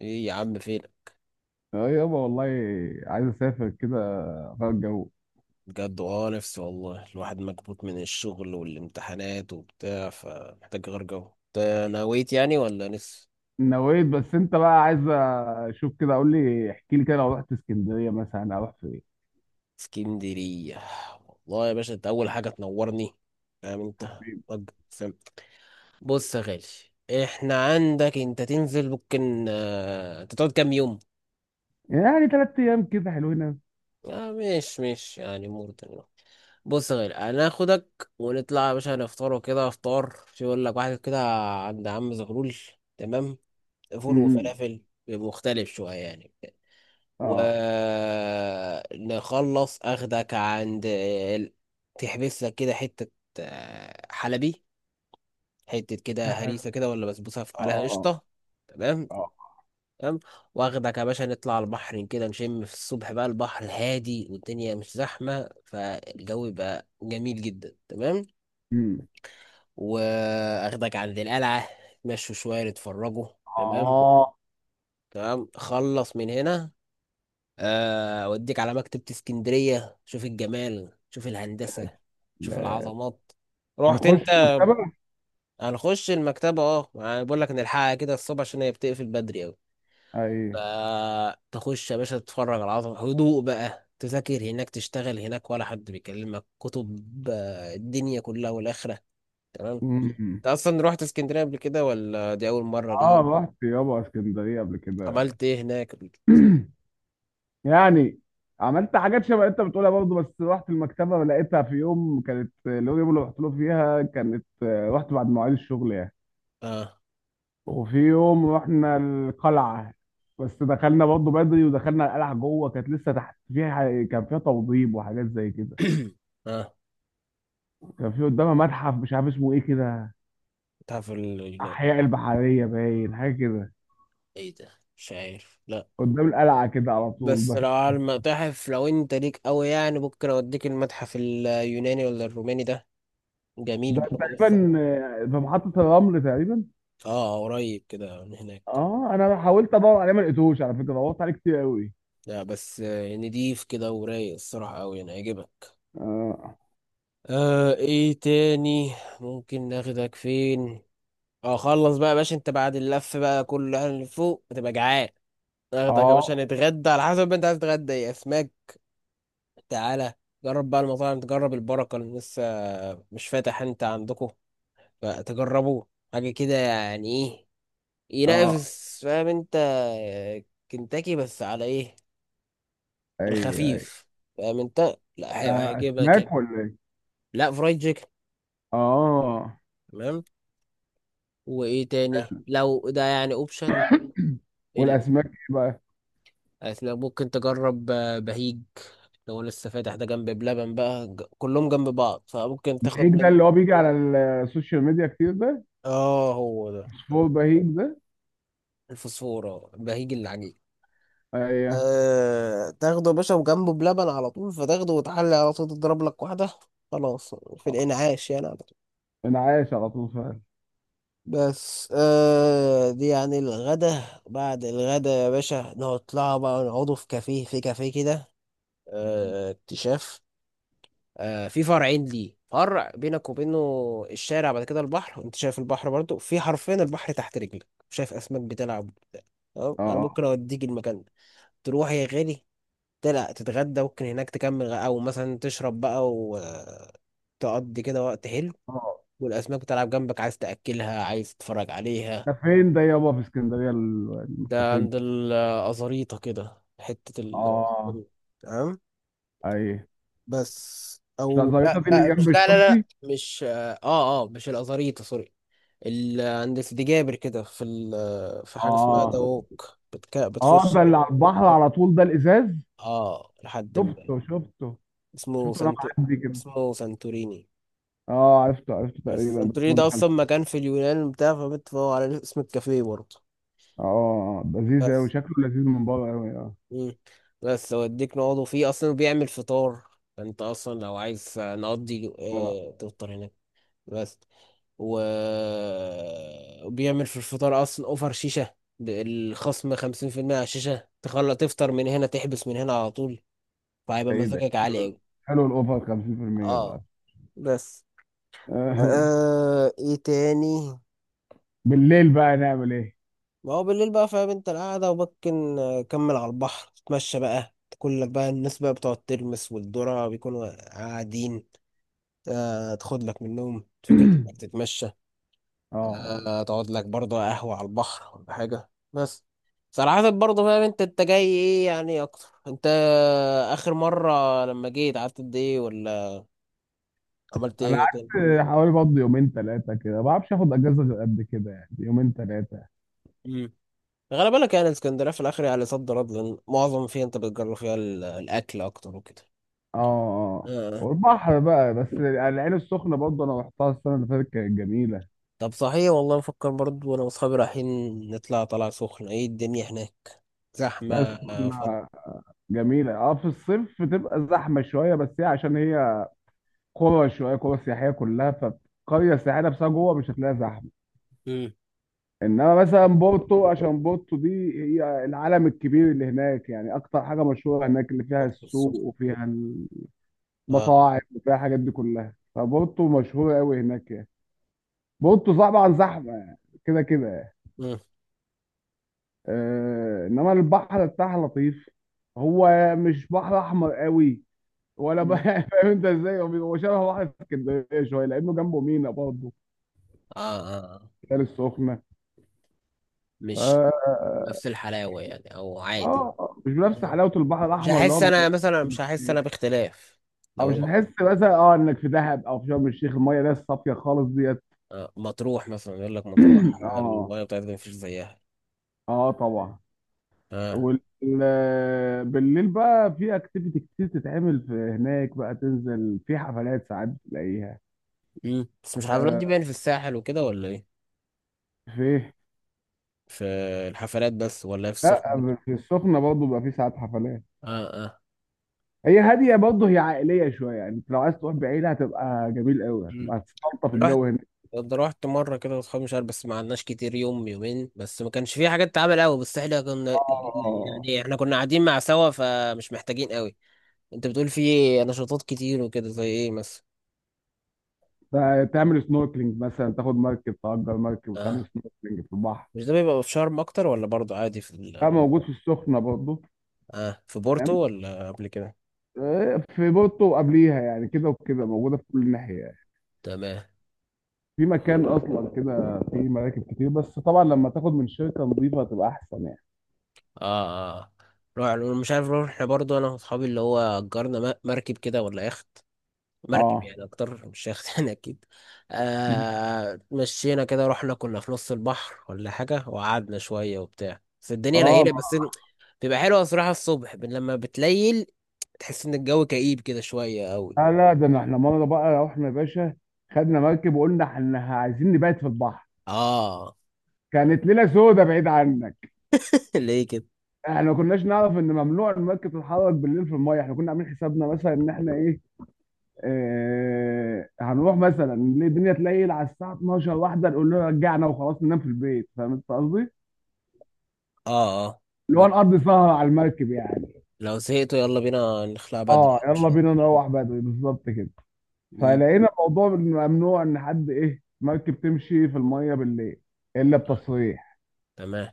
ايه يا عم فينك؟ اه يابا والله، عايز اسافر كده اغير الجو. بجد نفسي والله، الواحد مكبوت من الشغل والامتحانات وبتاع، فمحتاج غير جو. انت نويت يعني ولا لسه؟ نويت، بس انت بقى عايز اشوف، كده قول لي احكي لي كده لو رحت اسكندريه مثلا اروح فين؟ اسكندرية؟ والله يا باشا انت اول حاجة تنورني. فاهم انت؟ طب فاهم. بص يا غالي، احنا عندك انت تنزل ممكن انت تقعد كام يوم؟ يعني ثلاث ايام كده حلوين أوي. اه، مش يعني مرتين. بص يا غالي، هناخدك ونطلع يا باشا نفطر وكده، افطار شو يقول لك واحد كده، عند عم زغلول. تمام. فول امم وفلافل، مختلف شوية يعني. اه. ونخلص أخدك عند تحبس لك كده حتة، حلبي، حتة كده اه. هريسة كده ولا بسبوسة عليها اه. قشطة. تمام. اه. تمام. واخدك يا باشا نطلع على البحر كده، نشم في الصبح بقى، البحر هادي والدنيا مش زحمة، فالجو بقى جميل جدا. تمام. امم. واخدك عند القلعة، مشوا شوية نتفرجوا. تمام. اه. تمام. خلص من هنا، اوديك على مكتبة اسكندرية، شوف الجمال، شوف الهندسة، شوف لا، العظمات. رحت هنخش انت؟ المكتبه. هنخش المكتبة، اه يعني بقول لك نلحقها كده الصبح عشان هي بتقفل بدري اوي. اي. فتخش يا باشا تتفرج على العظمة، هدوء بقى، تذاكر هناك، تشتغل هناك، ولا حد بيكلمك، كتب، الدنيا كلها والآخرة. تمام. امم. انت اصلا رحت اسكندرية قبل كده ولا دي اول مرة اه ليك؟ رحت يابا اسكندريه قبل كده. عملت ايه هناك؟ يعني عملت حاجات شبه انت بتقولها برضه، بس رحت المكتبه لقيتها في يوم كانت، اليوم اللي رحت له فيها كانت رحت بعد مواعيد الشغل يعني. اه. وفي يوم رحنا القلعه، بس دخلنا برضه بدري ودخلنا القلعه جوه كانت لسه تحت فيها كان فيها توضيب وحاجات زي كده. اه. كان في قدامها متحف مش عارف اسمه ايه كده، تعرف اليونان؟ احياء البحريه باين حاجه كده، ايه ده؟ مش عارف، لا. قدام القلعه كده على طول بس دخل. لو على المتاحف، لو انت ليك قوي يعني، ممكن اوديك المتحف اليوناني ولا الروماني ده، جميل ده برضه الصراحة. تقريبا، في محطه الرمل تقريبا. اه قريب كده من هناك. اه انا حاولت ادور عليه ما لقيتوش على فكره، دورت عليه كتير قوي. لا بس نضيف كده ورايق الصراحة قوي، انا هيعجبك. اه. آه، ايه تاني؟ ممكن ناخدك فين؟ اه خلص بقى يا باشا، انت بعد اللف بقى كل اللي فوق هتبقى جعان. ناخدك يا باشا اه. نتغدى، على حسب ما انت عايز تتغدى ايه، اسماك؟ تعالى جرب بقى المطاعم، تجرب البركة اللي لسه مش فاتح، انت عندكم فتجربوه، حاجة كده يعني ايه، اه. ينافس، فاهم انت؟ آه، كنتاكي بس على ايه؟ اي. اي. الخفيف، فاهم انت؟ لا آه، هيجيبها كده. اسماك ولا ايه؟ لا، فرايد تشيكن. اه. تمام. وايه تاني لو ده يعني اوبشن؟ والاسماك ايه بقى؟ ممكن تجرب بهيج، لو لسه فاتح ده جنب بلبن بقى كلهم جنب بعض، فممكن تاخد بهيج ده من، اللي هو بيجي على السوشيال ميديا كتير ده؟ اه هو ده، فول بهيج ده. الفوسفور، اه بهيج العجيب. ايوه. تاخده يا باشا وجنبه بلبن على طول، فتاخده وتحلي على طول، تضرب لك واحدة خلاص في آه. الإنعاش يعني على طول. انا عايش على طول فعلا. بس دي يعني الغدا. بعد الغدا يا باشا نطلع بقى نقعدوا في كافيه، في كافيه كده، اكتشاف، في فرعين ليه، فرع بينك وبينه الشارع بعد كده البحر، وانت شايف البحر برضو في حرفين، البحر تحت رجلك، شايف أسماك بتلعب. تمام؟ اه. انا اه. ممكن اوديك المكان ده، تروح يا غالي تلا تتغدى، ممكن هناك تكمل او مثلا تشرب بقى وتقضي كده وقت حلو، آه. والاسماك بتلعب جنبك، عايز تاكلها عايز تتفرج عليها. ده فين ده يابا في اسكندريه ده الكافيه عند ده؟ الازاريطه كده، حته ال اه. تمام. اي. بس مش لا او، لا زريطه دي لا، اللي جنب مش، لا لا لا، الشطبي؟ مش، اه اه مش الازاريطه، سوري. عند سيدي جابر كده، في ال... في حاجه اسمها اه. دوك اه بتخش ده اللي على كده، البحر على طول ده الازاز. اه لحد شفته ما، شفته. اسمه شفته وانا سنت، معدي كده. اسمه سانتوريني. اه عرفته عرفته بس تقريبا، بس انتوني ما ده اصلا دخلتش. مكان في اليونان بتاع، فبتفقوا على اسم الكافيه برضه. اه لذيذ قوي، بس. شكله لذيذ من بره قوي. اه. مم. بس اوديك نقعدوا فيه، اصلا بيعمل فطار، انت اصلا لو عايز نقضي، اه ده. اه تفطر هناك. بس، و وبيعمل في الفطار اصلا اوفر شيشة بالخصم 50% على الشيشة، تخلى تفطر من هنا، تحبس من هنا على طول، فهيبقى ايه ده؟ مزاجك عالي حلو. اوي. حلو الاوفر 50% اه ده. بس. آه. آه، ايه تاني؟ بالليل بقى نعمل ايه؟ ما هو بالليل بقى، فاهم انت، القعدة، وممكن كمل على البحر، تتمشى بقى، تاكل لك بقى، الناس بقى بتقعد ترمس والذرة بيكونوا قاعدين، آه تاخد لك منهم فكرة انك تتمشى، اه. آه تقعد لك برضه قهوة على البحر ولا حاجة. بس صراحة برضه فاهم انت، انت جاي ايه يعني اكتر؟ انت اخر مرة لما جيت قعدت قد ايه، ولا عملت انا ايه تاني؟ قعدت حوالي برضه يومين ثلاثه كده، ما بعرفش اخد اجازه غير قد كده يعني، يومين ثلاثه. مم. غالبا لك يعني اسكندرية في الاخر يعني صد رد، لان معظم فيها انت بتجرب فيها الاكل اكتر وكده. اه. اه. آه. والبحر بقى، بس يعني العين السخنه برضه انا رحتها السنه اللي فاتت كانت جميله. طب صحيح، والله بفكر برضو، وانا واصحابي رايحين نطلع طلع سخنة. ايه الدنيا هناك؟ زحمة العين فض؟ السخنه جميله، اه في الصيف بتبقى زحمه شويه، بس هي عشان هي قرى شويه، قرى سياحيه كلها. فقريه سياحيه نفسها جوه مش هتلاقيها زحمه. امم. انما مثلا بورتو، عشان بورتو دي هي العالم الكبير اللي هناك يعني، اكتر حاجه مشهوره هناك اللي فيها برضو السوق السخنة. وفيها اه. المطاعم وفيها الحاجات دي كلها. فبورتو مشهوره قوي هناك يعني. بورتو طبعا زحمه يعني، كده كده يعني. مم. آه انما البحر بتاعها لطيف، هو مش بحر احمر قوي ولا بقى مم. فاهم انت ازاي، هو بيبقى شبه بحر اسكندريه شويه لانه جنبه مينا برضه. آه. العين السخنه مش آه، نفس الحلاوة يعني، او عادي؟ مش بنفس آه. حلاوه البحر مش الاحمر اللي هحس هو انا مثلا، مش هحس انا باختلاف او لو مش رحت؟ هتحس مثلا اه انك في دهب او في شرم الشيخ، الميه ده الصافيه خالص ديت. آه. مطروح مثلا يقول لك، مطروح اه. المية بتاعتها مفيش زيها. اه طبعا. اه. بالليل بقى في اكتيفيتي كتير تتعمل في هناك، بقى تنزل في حفلات ساعات تلاقيها. امم. بس مش الحفلات دي آه. باين في الساحل وكده، ولا ايه؟ في. في الحفلات بس، ولا في لا السخنة برضو؟ في السخنه برضه بقى في ساعات حفلات. اه اه. هي هاديه برضه، هي عائليه شويه يعني، انت لو عايز تروح بعيله هتبقى جميل قوي، امم. هتبقى هتستلطف الجو هناك. ده رحت مرة كده واصحابي، مش عارف بس ما عدناش كتير، يوم يومين بس، ما كانش فيه حاجات تتعمل قوي، بس احنا كنا اه. آه، يعني، احنا كنا قاعدين مع سوا، فمش محتاجين قوي. انت بتقول فيه نشاطات كتير وكده، زي ايه مثلا؟ آه. تعمل سنوركلينج مثلا، تاخد مركب تأجر مركب وتعمل اه. سنوركلينج في البحر. مش ده بيبقى في شرم اكتر، ولا برضه عادي في اه ال...؟ موجود في السخنه برضه. اه، في بورتو تمام. ولا قبل كده؟ في بورتو وقبليها يعني كده وكده، موجوده في كل ناحيه يعني. تمام. في مكان اصلا كده في مراكب كتير، بس طبعا لما تاخد من شركه نظيفه هتبقى احسن يعني. اه اه. روح، مش عارف، روح احنا برضه، انا واصحابي اللي هو اجرنا مركب كده ولا يخت، مركب اه. يعني اكتر، مش شايخ يعني اكيد. م. آه مشينا كده، رحنا كنا في نص البحر ولا حاجه، وقعدنا شويه وبتاع، بس الدنيا اه ليله بس بيبقى حلوه الصراحه، الصبح لما بتليل تحس ان الجو كئيب كده شويه قوي. لا لا ده احنا مره بقى رحنا يا باشا، خدنا مركب وقلنا احنا عايزين نبات في البحر. اه. كانت ليله سودة بعيد عنك. ليه كده؟ احنا ما كناش نعرف ان ممنوع المركب تتحرك بالليل في المايه. احنا كنا عاملين حسابنا مثلا ان احنا ايه، هنروح مثلا الدنيا تليل على الساعه 12 واحده نقول له رجعنا وخلاص ننام في البيت، فاهم انت قصدي؟ اه اه. اللي م- هو نقضي سهره على المركب يعني. لو زهقتوا يلا بينا نخلع بدري اه يعني، يلا مش؟ بينا نروح بدري بالظبط كده. امم. فلقينا الموضوع ممنوع ان حد ايه مركب تمشي في الميه بالليل الا بتصريح. تمام.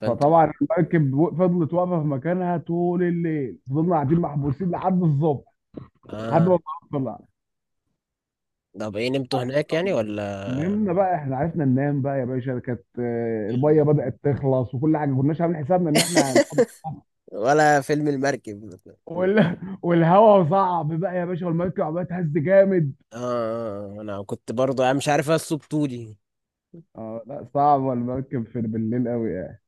فانتوا. فطبعا المركب فضلت واقفه في مكانها طول الليل، فضلنا قاعدين محبوسين لحد الصبح، لحد اه. ما الظهر طلع. طب ايه، نمتوا هناك يعني ولا؟ نمنا بقى، احنا عرفنا ننام بقى يا باشا، كانت الميه بدأت تخلص وكل حاجه ما كناش عاملين حسابنا ان احنا ولا فيلم المركب؟ وال... والهواء صعب بقى يا باشا والمركب عماله تهز جامد. اه انا كنت برضو، انا مش عارف اصله بطولي. اه لا، صعب المركب في بالليل قوي يعني.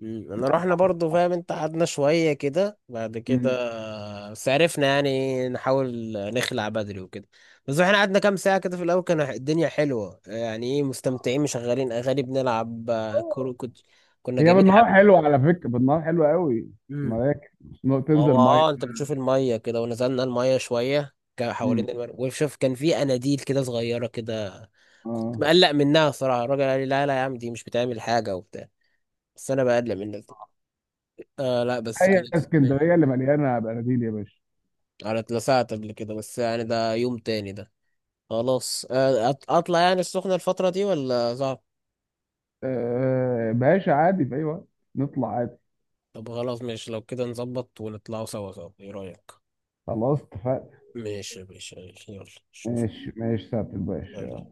مم، انا رحنا برضو فاهم انت، قعدنا شوية كده بعد كده، مم. بس عرفنا يعني نحاول نخلع بدري وكده. بس احنا قعدنا كام ساعة كده في الاول، كان الدنيا حلوة يعني، ايه مستمتعين، مشغلين اغاني، بنلعب كورة، كنت كنا هي جايبين حب. بالنهار حلوه على فكره، بالنهار حلوه قوي مم. المراكب، تنزل هو ميه. اه انت بتشوف المية كده، ونزلنا المية شوية مم. حوالين وشوف كان في اناديل كده صغيرة كده، كنت اه. مقلق منها صراحة، الراجل قال لي لا لا يا عم، دي مش بتعمل حاجة وبتاع، بس انا بقلل منك. آه لا بس هي كانت، اسكندريه اللي مليانه بناديل يا باشا. انا اتلسعت قبل كده، بس يعني ده يوم تاني ده. خلاص اطلع يعني السخنة الفترة دي، ولا صعب؟ آه باشا عادي في اي وقت، نطلع عادي. طب خلاص ماشي، لو كده نظبط ونطلعوا سوا سوا، ايه رأيك؟ خلاص اتفقنا. ماشي ماشي ماشي، يلا شوف. ماشي ماشي سهل الباشا.